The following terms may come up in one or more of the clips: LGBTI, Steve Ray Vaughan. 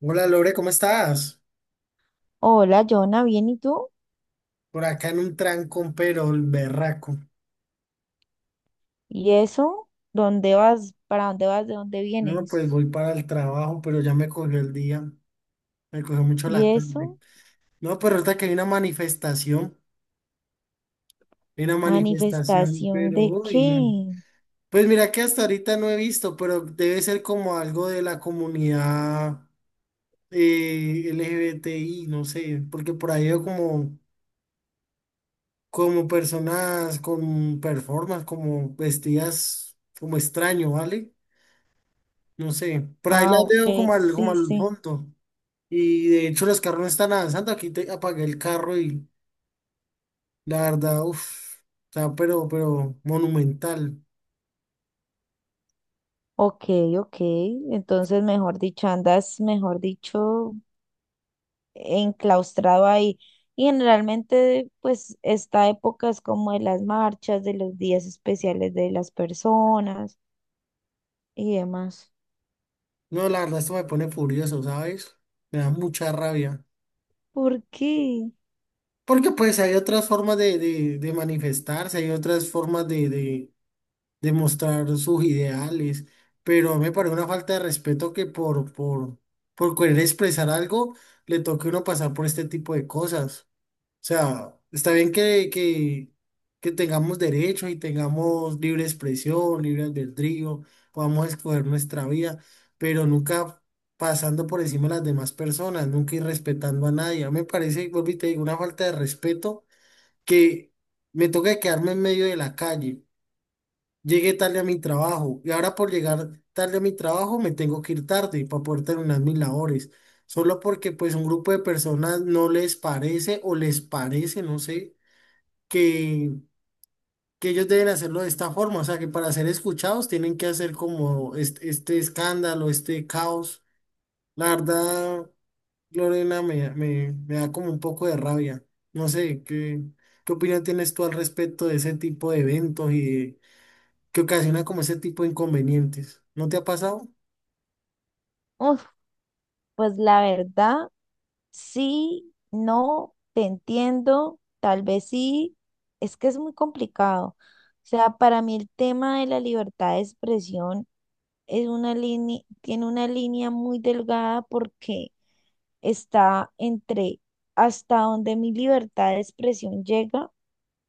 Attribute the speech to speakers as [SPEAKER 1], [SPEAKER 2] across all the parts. [SPEAKER 1] Hola Lore, ¿cómo estás?
[SPEAKER 2] Hola, Jonah, ¿bien y tú?
[SPEAKER 1] Por acá en un trancón, pero el berraco.
[SPEAKER 2] ¿Y eso? ¿Dónde vas? ¿Para dónde vas? ¿De dónde
[SPEAKER 1] No,
[SPEAKER 2] vienes?
[SPEAKER 1] pues voy para el trabajo, pero ya me cogió el día, me cogió mucho
[SPEAKER 2] ¿Y
[SPEAKER 1] la tarde.
[SPEAKER 2] eso?
[SPEAKER 1] No, pero ahorita que hay una manifestación,
[SPEAKER 2] ¿Manifestación
[SPEAKER 1] pero
[SPEAKER 2] de
[SPEAKER 1] uy, no.
[SPEAKER 2] qué?
[SPEAKER 1] Pues mira que hasta ahorita no he visto, pero debe ser como algo de la comunidad LGBTI, no sé, porque por ahí veo como, como personas con performance, como vestidas como extraño, ¿vale? No sé, por ahí
[SPEAKER 2] Ah,
[SPEAKER 1] las
[SPEAKER 2] ok,
[SPEAKER 1] veo como
[SPEAKER 2] sí,
[SPEAKER 1] al
[SPEAKER 2] sí.
[SPEAKER 1] fondo. Y de hecho los carros no están avanzando, aquí te apagué el carro y la verdad, uff, está pero monumental.
[SPEAKER 2] Ok, ok. Entonces, mejor dicho, andas, mejor dicho, enclaustrado ahí. Y generalmente, pues, esta época es como de las marchas, de los días especiales de las personas y demás.
[SPEAKER 1] No, la verdad esto me pone furioso, ¿sabes? Me da mucha rabia.
[SPEAKER 2] ¿Por qué?
[SPEAKER 1] Porque pues hay otras formas de manifestarse, hay otras formas de mostrar sus ideales, pero me parece una falta de respeto que por querer expresar algo le toque a uno pasar por este tipo de cosas. O sea, está bien que tengamos derechos y tengamos libre expresión, libre albedrío, podamos escoger nuestra vida, pero nunca pasando por encima de las demás personas, nunca ir respetando a nadie. A mí me parece, y vuelvo y te digo, una falta de respeto que me toca quedarme en medio de la calle. Llegué tarde a mi trabajo y ahora por llegar tarde a mi trabajo me tengo que ir tarde para poder terminar mis labores. Solo porque pues un grupo de personas no les parece o les parece, no sé que, que ellos deben hacerlo de esta forma, o sea, que para ser escuchados tienen que hacer como este escándalo, este caos. La verdad, Lorena, me da como un poco de rabia. No sé, ¿qué, qué opinión tienes tú al respecto de ese tipo de eventos y de- que ocasiona como ese tipo de inconvenientes? ¿No te ha pasado?
[SPEAKER 2] Uf, pues la verdad. Sí, no, te entiendo, tal vez sí, es que es muy complicado. O sea, para mí el tema de la libertad de expresión es una línea, tiene una línea muy delgada porque está entre hasta donde mi libertad de expresión llega,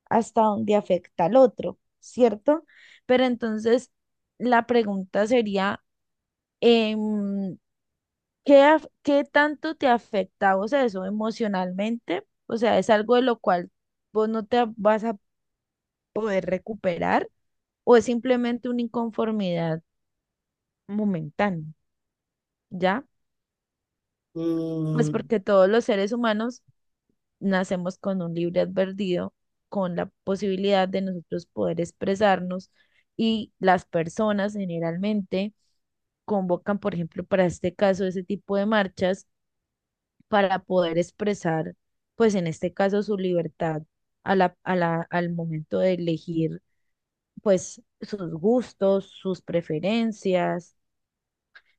[SPEAKER 2] hasta donde afecta al otro, ¿cierto? Pero entonces la pregunta sería, em, ¿qué, qué tanto te afecta a vos eso emocionalmente? O sea, ¿es algo de lo cual vos no te vas a poder recuperar o es simplemente una inconformidad momentánea? ¿Ya? Pues
[SPEAKER 1] Mm,
[SPEAKER 2] porque todos los seres humanos nacemos con un libre advertido, con la posibilidad de nosotros poder expresarnos y las personas generalmente convocan, por ejemplo, para este caso, ese tipo de marchas para poder expresar, pues en este caso, su libertad al momento de elegir, pues sus gustos, sus preferencias.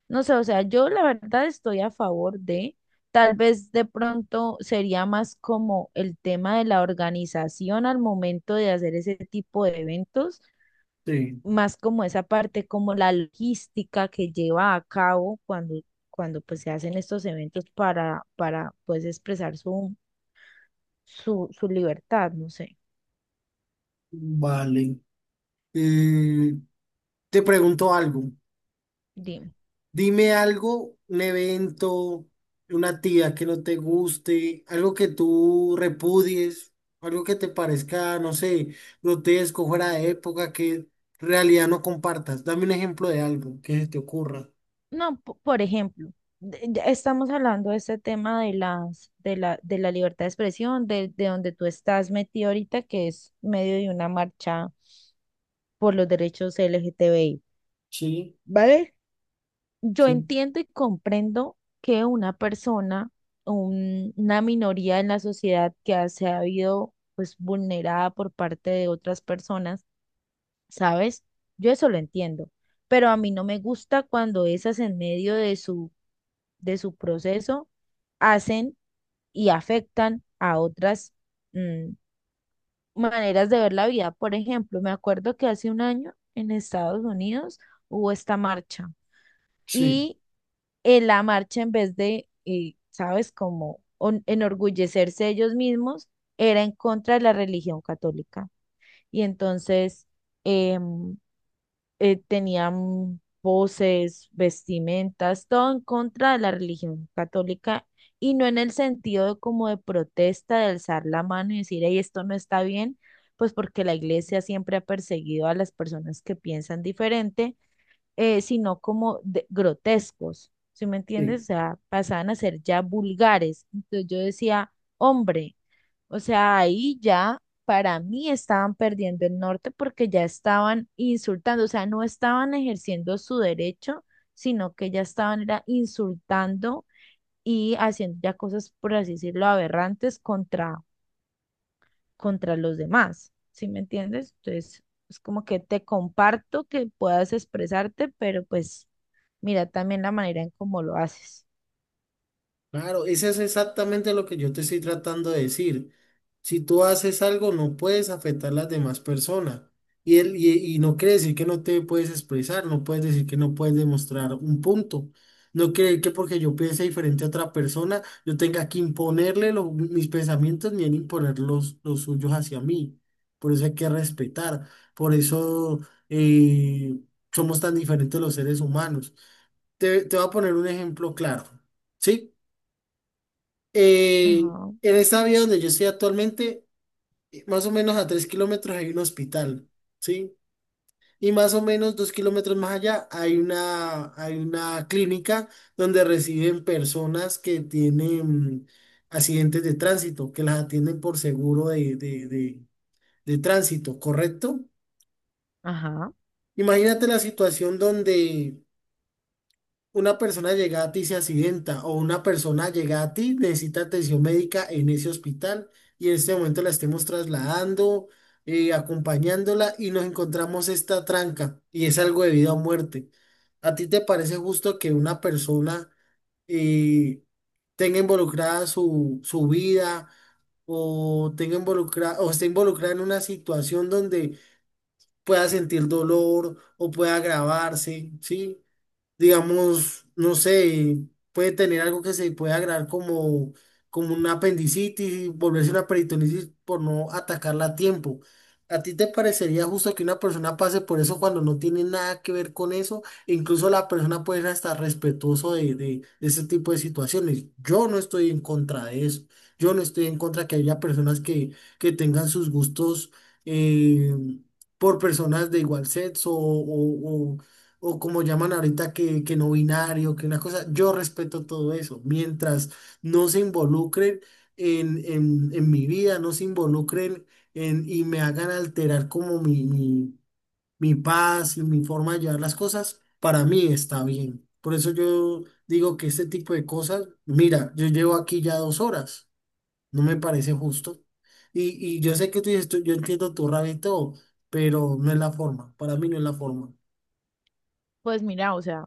[SPEAKER 2] No sé, o sea, yo la verdad estoy a favor de, tal vez de pronto sería más como el tema de la organización al momento de hacer ese tipo de eventos,
[SPEAKER 1] sí,
[SPEAKER 2] más como esa parte, como la logística que lleva a cabo cuando pues se hacen estos eventos para pues expresar su, su, su libertad, no sé,
[SPEAKER 1] vale. Eh, te pregunto algo.
[SPEAKER 2] dime.
[SPEAKER 1] Dime algo, un evento, una actividad que no te guste, algo que tú repudies, algo que te parezca, no sé, grotesco, fuera de época, que en realidad no compartas. Dame un ejemplo de algo que se te ocurra.
[SPEAKER 2] No, por ejemplo, ya estamos hablando de este tema de la libertad de expresión, de donde tú estás metido ahorita, que es medio de una marcha por los derechos LGTBI,
[SPEAKER 1] Sí,
[SPEAKER 2] ¿vale? Yo
[SPEAKER 1] sí,
[SPEAKER 2] entiendo y comprendo que una persona, una minoría en la sociedad que se ha habido pues vulnerada por parte de otras personas, ¿sabes? Yo eso lo entiendo, pero a mí no me gusta cuando esas en medio de su proceso hacen y afectan a otras mm, maneras de ver la vida. Por ejemplo, me acuerdo que hace un año en Estados Unidos hubo esta marcha
[SPEAKER 1] sí,
[SPEAKER 2] y en la marcha en vez de, ¿sabes?, como enorgullecerse ellos mismos, era en contra de la religión católica. Y entonces em, tenían voces, vestimentas, todo en contra de la religión católica y no en el sentido de como de protesta, de alzar la mano y decir, hey, esto no está bien, pues porque la iglesia siempre ha perseguido a las personas que piensan diferente, sino como grotescos, ¿sí me entiendes?
[SPEAKER 1] sí.
[SPEAKER 2] O sea, pasaban a ser ya vulgares. Entonces yo decía, hombre. O sea, ahí ya para mí estaban perdiendo el norte porque ya estaban insultando, o sea, no estaban ejerciendo su derecho, sino que ya estaban era insultando y haciendo ya cosas, por así decirlo, aberrantes contra, contra los demás. ¿Sí me entiendes? Entonces, es como que te comparto que puedas expresarte, pero pues mira también la manera en cómo lo haces.
[SPEAKER 1] Claro, eso es exactamente lo que yo te estoy tratando de decir. Si tú haces algo, no puedes afectar a las demás personas. Y, él, y no quiere decir que no te puedes expresar, no puedes decir que no puedes demostrar un punto. No quiere que porque yo piense diferente a otra persona, yo tenga que imponerle lo- mis pensamientos ni él imponer los suyos hacia mí. Por eso hay que respetar. Por eso eh, somos tan diferentes los seres humanos. Te voy a poner un ejemplo claro. ¿Sí? Eh,
[SPEAKER 2] Ajá,
[SPEAKER 1] en esta vía donde yo estoy actualmente, más o menos a 3 kilómetros hay un hospital, ¿sí? Y más o menos 2 kilómetros más allá hay una clínica donde reciben personas que tienen accidentes de tránsito, que las atienden por seguro de tránsito, ¿correcto?
[SPEAKER 2] ajá.
[SPEAKER 1] Imagínate la situación donde una persona llega a ti y se accidenta o una persona llega a ti, necesita atención médica en ese hospital y en este momento la estemos trasladando, acompañándola y nos encontramos esta tranca y es algo de vida o muerte. ¿A ti te parece justo que una persona eh, tenga involucrada su, su vida o tenga involucrada o esté involucrada en una situación donde pueda sentir dolor o pueda agravarse, ¿sí? Digamos, no sé, puede tener algo que se puede agregar como, como una apendicitis y volverse una peritonitis por no atacarla a tiempo. ¿A ti te parecería justo que una persona pase por eso cuando no tiene nada que ver con eso? E incluso la persona puede ser hasta respetuoso de ese tipo de situaciones. Yo no estoy en contra de eso. Yo no estoy en contra que haya personas que tengan sus gustos eh, por personas de igual sexo o como llaman ahorita que no binario, que una cosa, yo respeto todo eso, mientras no se involucren en mi vida, no se involucren en, y me hagan alterar como mi paz y mi forma de llevar las cosas, para mí está bien. Por eso yo digo que este tipo de cosas, mira, yo llevo aquí ya 2 horas, no me parece justo. Y yo sé que tú dices, tú- yo entiendo tu rabia y todo, pero no es la forma, para mí no es la forma.
[SPEAKER 2] Pues mira, o sea,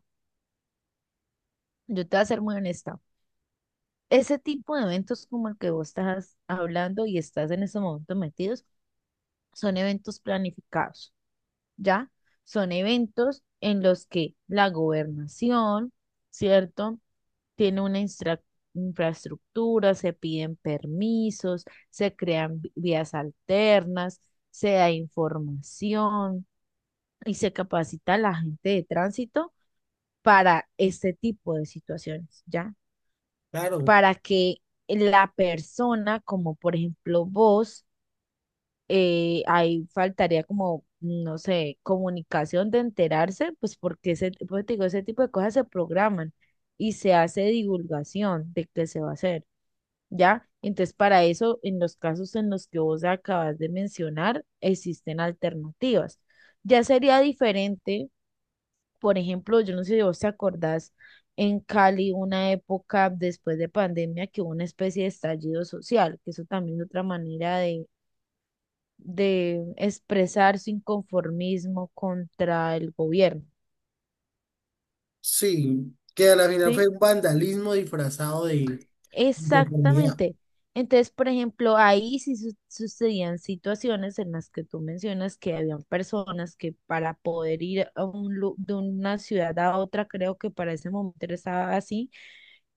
[SPEAKER 2] yo te voy a ser muy honesta. Ese tipo de eventos como el que vos estás hablando y estás en ese momento metidos, son eventos planificados, ¿ya? Son eventos en los que la gobernación, ¿cierto? Tiene una infraestructura, se piden permisos, se crean vías alternas, se da información y se capacita a la gente de tránsito para este tipo de situaciones, ¿ya?
[SPEAKER 1] Claro,
[SPEAKER 2] Para que la persona, como por ejemplo vos, ahí faltaría como, no sé, comunicación de enterarse, pues porque ese, pues te digo, ese tipo de cosas se programan y se hace divulgación de qué se va a hacer, ¿ya? Entonces, para eso, en los casos en los que vos acabas de mencionar, existen alternativas. Ya sería diferente, por ejemplo, yo no sé si vos te acordás en Cali una época después de pandemia que hubo una especie de estallido social, que eso también es otra manera de expresar su inconformismo contra el gobierno,
[SPEAKER 1] sí, que a la final fue
[SPEAKER 2] ¿sí?
[SPEAKER 1] un vandalismo disfrazado de inconformidad.
[SPEAKER 2] Exactamente. Entonces, por ejemplo, ahí sí sucedían situaciones en las que tú mencionas que habían personas que para poder ir a un, de una ciudad a otra, creo que para ese momento estaba así,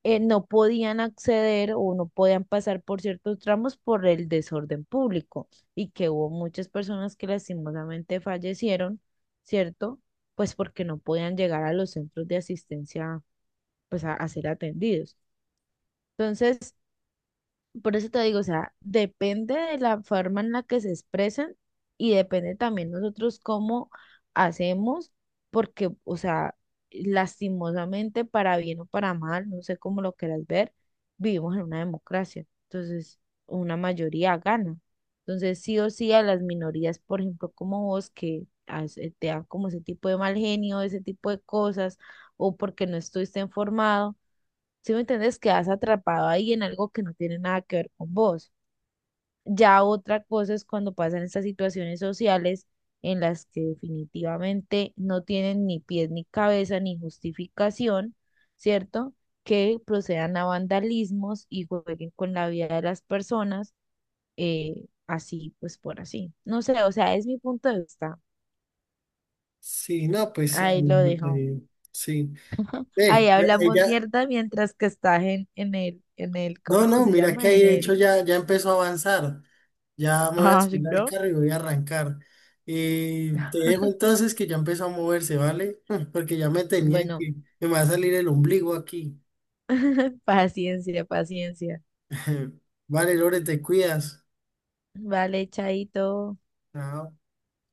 [SPEAKER 2] no podían acceder o no podían pasar por ciertos tramos por el desorden público y que hubo muchas personas que lastimosamente fallecieron, ¿cierto? Pues porque no podían llegar a los centros de asistencia, pues a ser atendidos. Entonces, por eso te digo, o sea, depende de la forma en la que se expresan y depende también nosotros cómo hacemos, porque, o sea, lastimosamente, para bien o para mal, no sé cómo lo quieras ver, vivimos en una democracia. Entonces, una mayoría gana. Entonces, sí o sí a las minorías, por ejemplo, como vos, que te dan como ese tipo de mal genio, ese tipo de cosas, o porque no estuviste informado, si me entiendes, quedas atrapado ahí en algo que no tiene nada que ver con vos. Ya otra cosa es cuando pasan estas situaciones sociales en las que definitivamente no tienen ni pies ni cabeza ni justificación, ¿cierto? Que procedan a vandalismos y jueguen con la vida de las personas, así pues por así. No sé, o sea, es mi punto de vista.
[SPEAKER 1] Sí, no, pues ah,
[SPEAKER 2] Ahí lo dejo.
[SPEAKER 1] eh, sí.
[SPEAKER 2] Ahí
[SPEAKER 1] Eh,
[SPEAKER 2] hablamos
[SPEAKER 1] ella,
[SPEAKER 2] mierda mientras que estás en el, ¿cómo
[SPEAKER 1] no,
[SPEAKER 2] es que
[SPEAKER 1] no,
[SPEAKER 2] se
[SPEAKER 1] mira que
[SPEAKER 2] llama?
[SPEAKER 1] ahí
[SPEAKER 2] En
[SPEAKER 1] de hecho
[SPEAKER 2] el...
[SPEAKER 1] ya, ya empezó a avanzar. Ya me voy a
[SPEAKER 2] Ah, sí,
[SPEAKER 1] subir al
[SPEAKER 2] ¿no?
[SPEAKER 1] carro y voy a arrancar. Te dejo entonces que ya empezó a moverse, ¿vale? Porque ya me tenía
[SPEAKER 2] Bueno,
[SPEAKER 1] que, me va a salir el ombligo aquí.
[SPEAKER 2] paciencia, paciencia.
[SPEAKER 1] Vale, Lore, te cuidas.
[SPEAKER 2] Vale, chaito.
[SPEAKER 1] Chao.